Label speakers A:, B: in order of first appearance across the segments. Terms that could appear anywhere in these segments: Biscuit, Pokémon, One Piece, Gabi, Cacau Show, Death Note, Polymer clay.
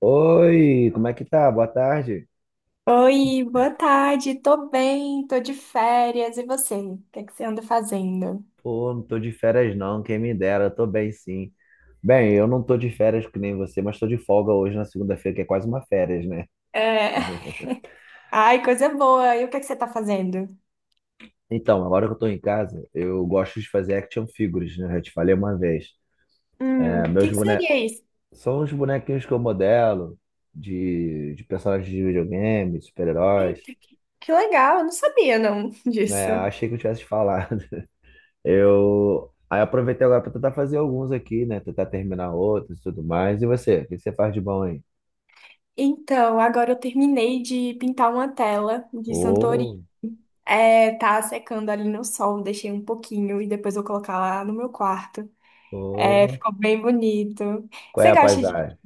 A: Oi, como é que tá? Boa tarde.
B: Oi, boa tarde. Tô bem, tô de férias. E você? O que é que você anda fazendo?
A: Pô, não tô de férias não, quem me dera, eu tô bem sim. Bem, eu não tô de férias que nem você, mas tô de folga hoje na segunda-feira, que é quase uma férias, né?
B: É. Ai, coisa boa. E o que é que você tá fazendo?
A: Então, agora que eu tô em casa, eu gosto de fazer action figures, né? Eu já te falei uma vez. É,
B: O que seria isso?
A: são os bonequinhos que eu modelo, de personagens de videogame, de super-heróis,
B: Eita, que legal. Eu não sabia não
A: né?
B: disso.
A: Eu achei que eu tivesse falado. Eu aí aproveitei agora para tentar fazer alguns aqui, né? Tentar terminar outros e tudo mais. E você? O que você faz de bom aí?
B: Então, agora eu terminei de pintar uma tela de Santori.
A: Ô,
B: É, tá secando ali no sol, deixei um pouquinho e depois vou colocar lá no meu quarto. É,
A: ô,
B: ficou bem bonito.
A: qual é
B: Você
A: a
B: gosta de...
A: paisagem?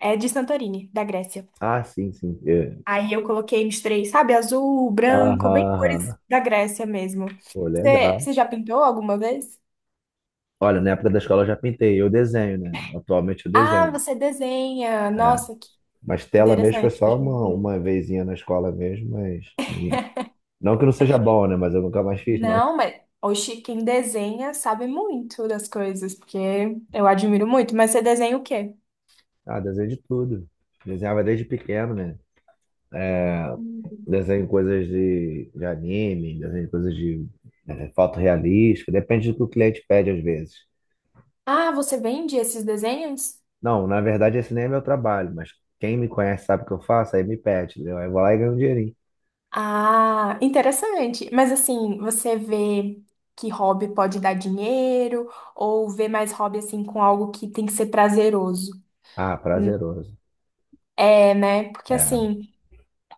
B: É de Santorini, da Grécia.
A: Ah, sim, sim. É.
B: Aí eu coloquei, misturei, sabe, azul,
A: Aham,
B: branco, bem cores
A: aham.
B: da Grécia mesmo.
A: Pô,
B: Você,
A: legal.
B: você já pintou alguma vez?
A: Olha, na época da escola eu já pintei. Eu desenho, né? Atualmente eu
B: Ah,
A: desenho.
B: você desenha.
A: É.
B: Nossa, que
A: Mas tela mesmo foi
B: interessante.
A: só uma vezinha na escola mesmo, mas... Não que não seja bom, né? Mas eu nunca mais fiz, não.
B: Não, mas oxi, quem desenha sabe muito das coisas, porque eu admiro muito. Mas você desenha o quê?
A: Ah, desenho de tudo. Desenhava desde pequeno, né? É.
B: Hum.
A: Desenho coisas de anime, desenho coisas de foto realística, depende do que o cliente pede às vezes.
B: Ah, você vende esses desenhos?
A: Não, na verdade esse nem é meu trabalho, mas quem me conhece sabe o que eu faço, aí me pede, entendeu? Aí eu vou lá e ganho um dinheirinho.
B: Ah, interessante. Mas assim, você vê que hobby pode dar dinheiro ou vê mais hobby assim com algo que tem que ser prazeroso?
A: Ah, prazeroso.
B: É, né? Porque
A: É,
B: assim,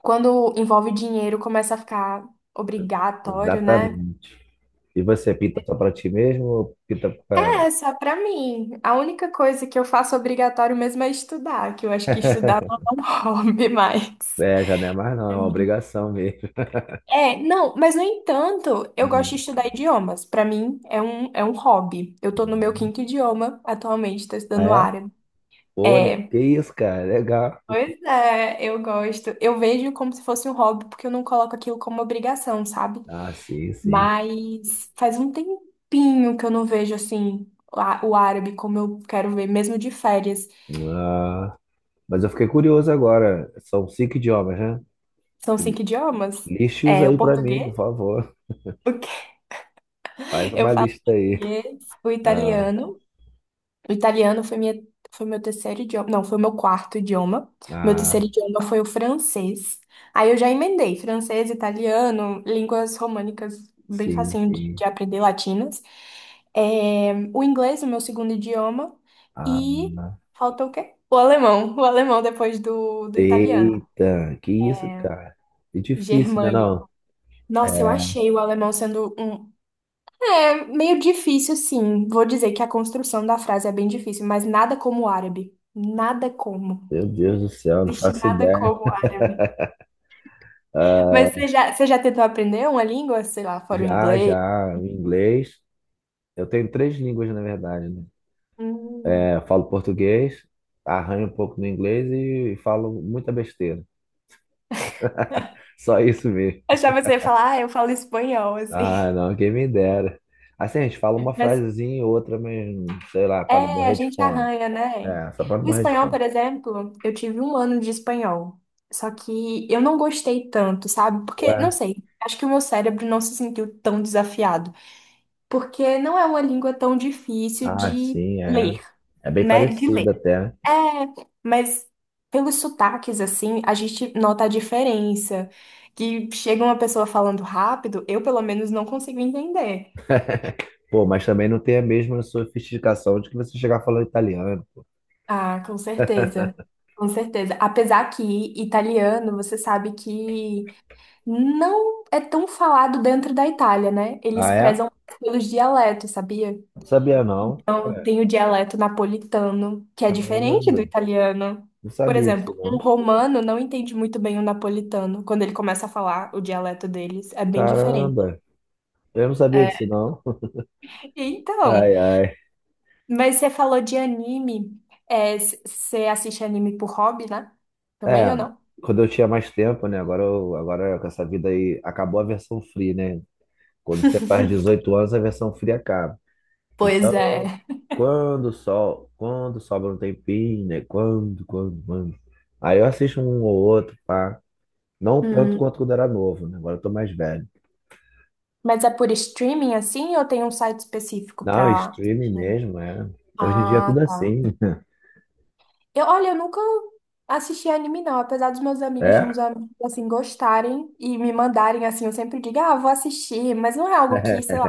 B: quando envolve dinheiro, começa a ficar obrigatório, né?
A: exatamente. E você pinta só pra ti mesmo ou pinta pra...
B: É, só pra mim. A única coisa que eu faço obrigatório mesmo é estudar, que eu acho que estudar não é um hobby mais.
A: É, já não é mais não, é
B: Pra
A: uma
B: mim.
A: obrigação mesmo.
B: É, não, mas no entanto, eu gosto de
A: Hum.
B: estudar idiomas. Pra mim, é um hobby. Eu tô no meu
A: Hum.
B: quinto idioma atualmente, tô
A: Ah,
B: estudando
A: é?
B: árabe.
A: Olha,
B: É,
A: que isso, cara, legal.
B: pois é, eu gosto. Eu vejo como se fosse um hobby, porque eu não coloco aquilo como obrigação, sabe?
A: Ah, sim, sim.
B: Mas faz um tempinho que eu não vejo assim o árabe como eu quero ver, mesmo de férias.
A: Ah. Mas eu fiquei curioso agora. São cinco idiomas, né?
B: São cinco idiomas.
A: Liste-os
B: É
A: aí
B: o
A: pra mim, por
B: português,
A: favor. Faz
B: eu
A: uma
B: falo
A: lista aí.
B: português, o
A: Ah,
B: italiano. O italiano foi meu terceiro idioma. Não, foi meu quarto idioma. Meu
A: ah,
B: terceiro idioma foi o francês. Aí eu já emendei francês, italiano, línguas românicas, bem
A: sim,
B: facinho de,
A: sim.
B: de aprender, latinas. É, o inglês, o meu segundo idioma.
A: Ah,
B: E falta o quê? O alemão. O alemão depois do italiano.
A: eita, que isso, cara? É difícil, né,
B: Germânico.
A: não?
B: Nossa, eu
A: É,
B: achei o alemão sendo um. É meio difícil, sim. Vou dizer que a construção da frase é bem difícil, mas nada como o árabe. Nada como.
A: meu Deus do céu, não faço
B: Destinada
A: ideia.
B: como árabe.
A: Ah,
B: Mas você já tentou aprender uma língua, sei lá, fora o
A: já,
B: inglês?
A: já, o inglês. Eu tenho três línguas, na verdade, né?
B: Hum.
A: É, eu falo português, arranho um pouco no inglês e falo muita besteira. Só isso mesmo.
B: Achava que você ia falar, ah, eu falo espanhol, assim.
A: Ah, não, quem me dera. Assim, a gente fala uma
B: Mas
A: frasezinha e outra, mas sei lá, para não
B: é, a
A: morrer de
B: gente
A: fome.
B: arranha, né?
A: É, só para não
B: O
A: morrer de
B: espanhol,
A: fome.
B: por exemplo, eu tive um ano de espanhol. Só que eu não gostei tanto, sabe? Porque, não
A: Ué,
B: sei, acho que o meu cérebro não se sentiu tão desafiado. Porque não é uma língua tão difícil
A: ah,
B: de
A: sim, é.
B: ler,
A: É bem
B: né? De
A: parecido
B: ler.
A: até, né?
B: É, mas pelos sotaques, assim, a gente nota a diferença. Que chega uma pessoa falando rápido, eu pelo menos não consigo entender.
A: Pô, mas também não tem a mesma sofisticação de que você chegar falando italiano.
B: Ah, com certeza. Com certeza. Apesar que italiano, você sabe que não é tão falado dentro da Itália, né? Eles
A: Ah, é?
B: prezam pelos dialetos, sabia?
A: Não sabia não.
B: Então, tem o dialeto napolitano, que é
A: Caramba,
B: diferente do italiano.
A: não
B: Por
A: sabia disso
B: exemplo, um
A: não.
B: romano não entende muito bem o napolitano quando ele começa a falar o dialeto deles. É bem diferente.
A: Caramba, eu não sabia
B: É,
A: disso não.
B: então,
A: Ai, ai.
B: mas você falou de anime. É, você assiste anime por hobby, né? Também
A: É,
B: ou não?
A: quando eu tinha mais tempo, né? Agora, eu, agora com essa vida aí, acabou a versão free, né? Quando você faz 18 anos, a versão fria acaba.
B: Pois
A: Então,
B: é.
A: quando só, quando sobra um tempinho, né? Quando. Aí eu assisto um ou outro, pá. Não tanto
B: Hum,
A: quanto quando era novo, né? Agora eu tô mais velho.
B: Mas é por streaming assim ou tem um site específico
A: Não,
B: pra
A: streaming
B: assistir?
A: mesmo, é. Hoje em dia é tudo
B: Ah, tá.
A: assim.
B: Eu, olha, eu nunca assisti anime, não. Apesar dos meus amigos, de
A: É?
B: uns amigos, assim, gostarem e me mandarem, assim, eu sempre digo, ah, vou assistir, mas não é algo que, sei lá,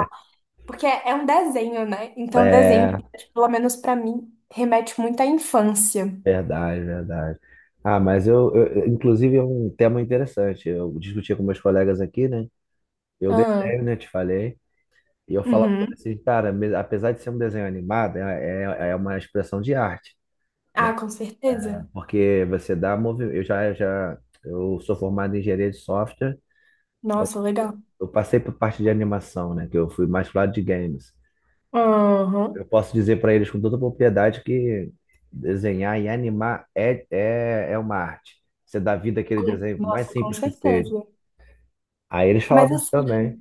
B: porque é um desenho, né? Então, desenho,
A: É,
B: pelo menos pra mim, remete muito à infância.
A: verdade, verdade. Ah, mas inclusive, é um tema interessante. Eu discutia com meus colegas aqui, né? Eu
B: Ah,
A: detenho, né? Te falei. E eu falava pra ele
B: uhum.
A: assim, cara, apesar de ser um desenho animado, é uma expressão de arte, né?
B: Ah, com certeza.
A: Porque você dá movimento. Eu já, já eu sou formado em engenharia de software, eu,
B: Nossa, legal.
A: eu passei por parte de animação, né? Que eu fui mais pro lado de games.
B: Aham.
A: Eu posso dizer para eles com toda propriedade que desenhar e animar é uma arte. Você dá vida àquele desenho, por mais
B: Nossa, com
A: simples que seja.
B: certeza.
A: Aí eles
B: Mas
A: falavam isso
B: assim.
A: também.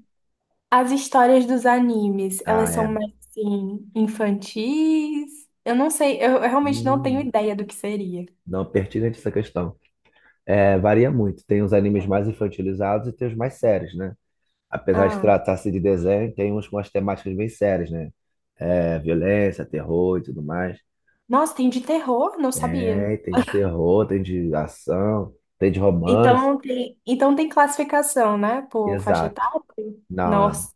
B: As histórias dos animes,
A: Ah,
B: elas são
A: é.
B: mais assim, infantis? Eu não sei, eu realmente não tenho
A: Hum,
B: ideia do que seria.
A: não pertinente essa questão. É, varia muito. Tem os animes mais infantilizados e tem os mais sérios, né? Apesar de
B: Ah,
A: tratar-se de desenho, tem uns com as temáticas bem sérias, né? É, violência, terror e tudo mais.
B: nossa, tem de terror? Não sabia.
A: É tem de terror, tem de ação, tem de romance.
B: Então tem classificação, né? Por faixa
A: Exato.
B: etária?
A: Não, não.
B: Nossa,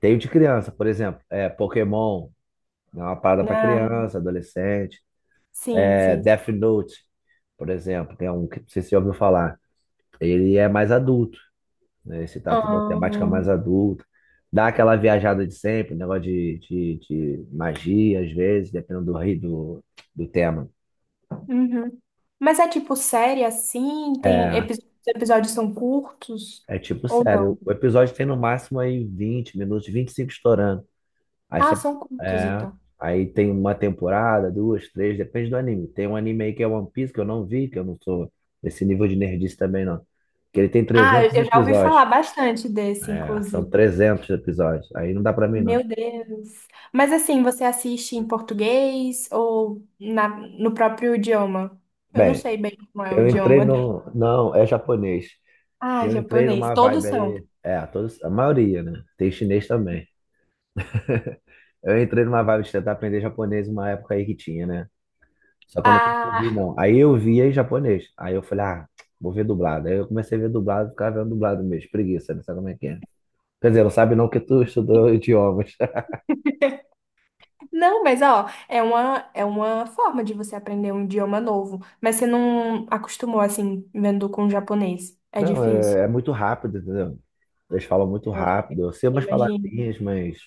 A: Tem o de criança, por exemplo. É, Pokémon é uma parada para
B: né?
A: criança, adolescente.
B: Sim,
A: É,
B: sim.
A: Death Note, por exemplo, que é um que não sei se você ouviu falar. Ele é mais adulto, né? Esse tato de uma
B: Ah,
A: temática mais
B: uhum.
A: adulta. Dá aquela viajada de sempre, negócio de magia, às vezes, dependendo do tema.
B: Mas é tipo série assim? Tem
A: É,
B: os episódios são curtos
A: é tipo,
B: ou
A: sério,
B: não?
A: o episódio tem no máximo aí 20 minutos, 25 estourando. Aí,
B: Ah,
A: você-
B: são curtos
A: é,
B: então.
A: aí tem uma temporada, duas, três, depende do anime. Tem um anime aí que é One Piece, que eu não vi, que eu não sou desse nível de nerdice também, não. Que ele tem
B: Ah, eu
A: 300
B: eu já ouvi
A: episódios.
B: falar bastante desse,
A: É, são
B: inclusive.
A: 300 episódios. Aí não dá pra mim, não.
B: Meu Deus. Mas assim, você assiste em português ou no próprio idioma? Eu não
A: Bem,
B: sei bem como é o
A: Eu entrei
B: idioma.
A: no. não, é japonês.
B: Ah,
A: Eu entrei
B: japonês.
A: numa
B: Todos
A: vibe
B: são.
A: aí. É, todos, a maioria, né? Tem chinês também. Eu entrei numa vibe de tentar aprender japonês uma época aí que tinha, né? Só que eu não
B: Ah,
A: consegui, não. Aí eu vi em japonês. Aí eu falei, ah, vou ver dublado. Aí eu comecei a ver dublado, ficava vendo dublado mesmo. Preguiça, não sabe como é que é. Quer dizer, não sabe não que tu estudou idiomas.
B: não, mas ó, é uma forma de você aprender um idioma novo. Mas você não acostumou assim, vendo com japonês. É
A: Não,
B: difícil.
A: é muito rápido, entendeu? Eles falam muito
B: Ah,
A: rápido. Eu sei
B: eu
A: umas
B: imagino.
A: palavrinhas, mas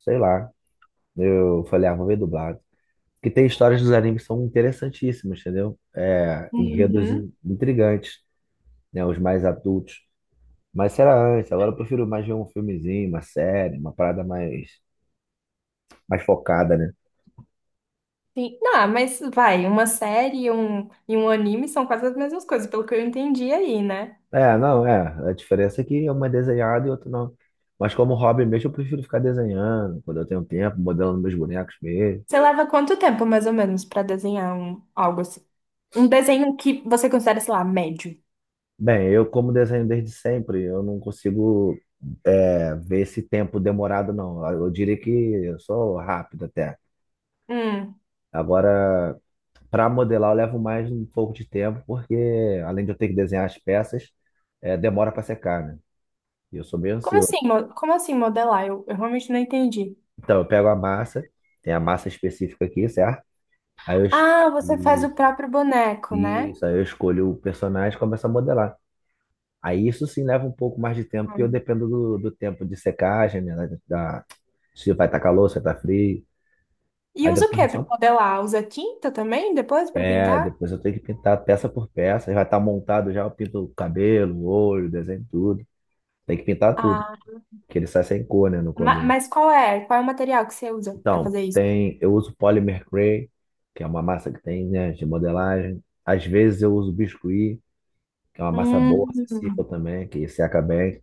A: sei lá. Eu falei, ah, vou ver dublado, que tem histórias dos animes que são interessantíssimas, entendeu? É, enredos
B: Uhum.
A: intrigantes, né? Os mais adultos. Mas isso era antes, agora eu prefiro mais ver um filmezinho, uma série, uma parada mais, focada, né?
B: Sim. Não, ah, mas vai, uma série e um, anime são quase as mesmas coisas, pelo que eu entendi aí, né?
A: É, não, é. A diferença é que uma é desenhada e outra não. Mas como hobby mesmo, eu prefiro ficar desenhando quando eu tenho tempo, modelando meus bonecos mesmo.
B: Você leva quanto tempo, mais ou menos, pra desenhar um, algo assim? Um desenho que você considera, sei lá, médio.
A: Bem, eu como desenho desde sempre, eu não consigo ver esse tempo demorado, não. Eu diria que eu sou rápido até.
B: Hum.
A: Agora, para modelar, eu levo mais um pouco de tempo, porque além de eu ter que desenhar as peças, demora para secar, né? E eu sou meio
B: Como assim,
A: ansioso.
B: como assim modelar? Eu realmente não entendi.
A: Então, eu pego a massa, tem a massa específica aqui, certo? Aí eu, es-
B: Ah, você faz o próprio boneco, né?
A: isso, aí eu escolho o personagem e começo a modelar. Aí isso sim leva um pouco mais de tempo, porque eu
B: Hum.
A: dependo do tempo de secagem, né? Da, da- se vai estar calor, se vai estar frio.
B: E
A: Aí
B: usa o
A: depois eu
B: que pra
A: só.
B: modelar? Usa tinta também depois pra
A: É,
B: pintar?
A: depois eu tenho que pintar peça por peça. Aí vai estar montado já, eu pinto o cabelo, o olho, desenho tudo. Tem que pintar tudo,
B: Ah,
A: que ele sai sem cor, né, no começo.
B: mas qual é? Qual é o material que você usa pra
A: Então,
B: fazer isso?
A: tem, eu uso Polymer clay, que é uma massa que tem, né, de modelagem. Às vezes eu uso Biscuit, que é uma massa boa, acessível
B: Hum.
A: também, que seca bem.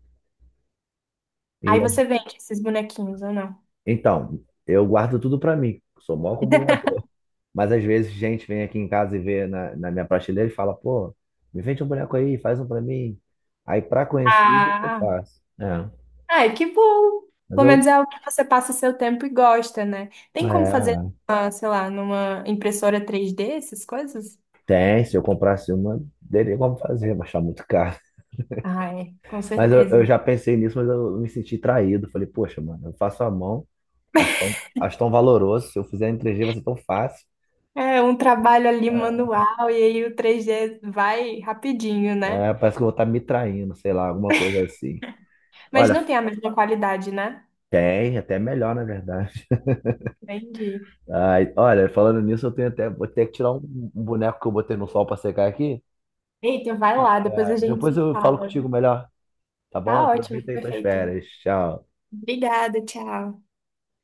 A: E
B: Aí
A: às-
B: você vende esses bonequinhos ou não?
A: então, eu guardo tudo para mim, sou mó acumulador. Mas às vezes gente vem aqui em casa e vê na minha prateleira e fala, pô, me vende um boneco aí, faz um para mim. Aí para conhecido eu
B: Ah.
A: faço. É,
B: Ai, que bom.
A: mas
B: Pelo menos
A: eu,
B: é o que você passa seu tempo e gosta, né? Tem como fazer,
A: é,
B: ah, sei lá, numa impressora 3D essas coisas?
A: tem, se eu comprasse uma, teria como fazer, mas tá muito caro.
B: Ah, é, com
A: Mas eu
B: certeza.
A: já pensei nisso, mas eu me senti traído. Falei, poxa, mano, eu faço a mão, acho tão valoroso. Se eu fizer em 3G vai ser tão fácil.
B: É um trabalho ali
A: É.
B: manual e aí o 3D vai rapidinho, né?
A: É, parece que eu vou estar me traindo, sei lá, alguma coisa assim.
B: Mas
A: Olha,
B: não tem a mesma qualidade, né?
A: tem, até melhor, na verdade.
B: Entendi.
A: Ai, olha, falando nisso, eu tenho até, vou ter que tirar um, boneco que eu botei no sol para secar aqui.
B: Eita, vai lá, depois
A: É,
B: a gente
A: depois
B: se
A: eu falo
B: fala.
A: contigo melhor, tá bom?
B: Tá ótimo,
A: Aproveita aí tuas
B: perfeito.
A: férias. Tchau.
B: Obrigada, tchau.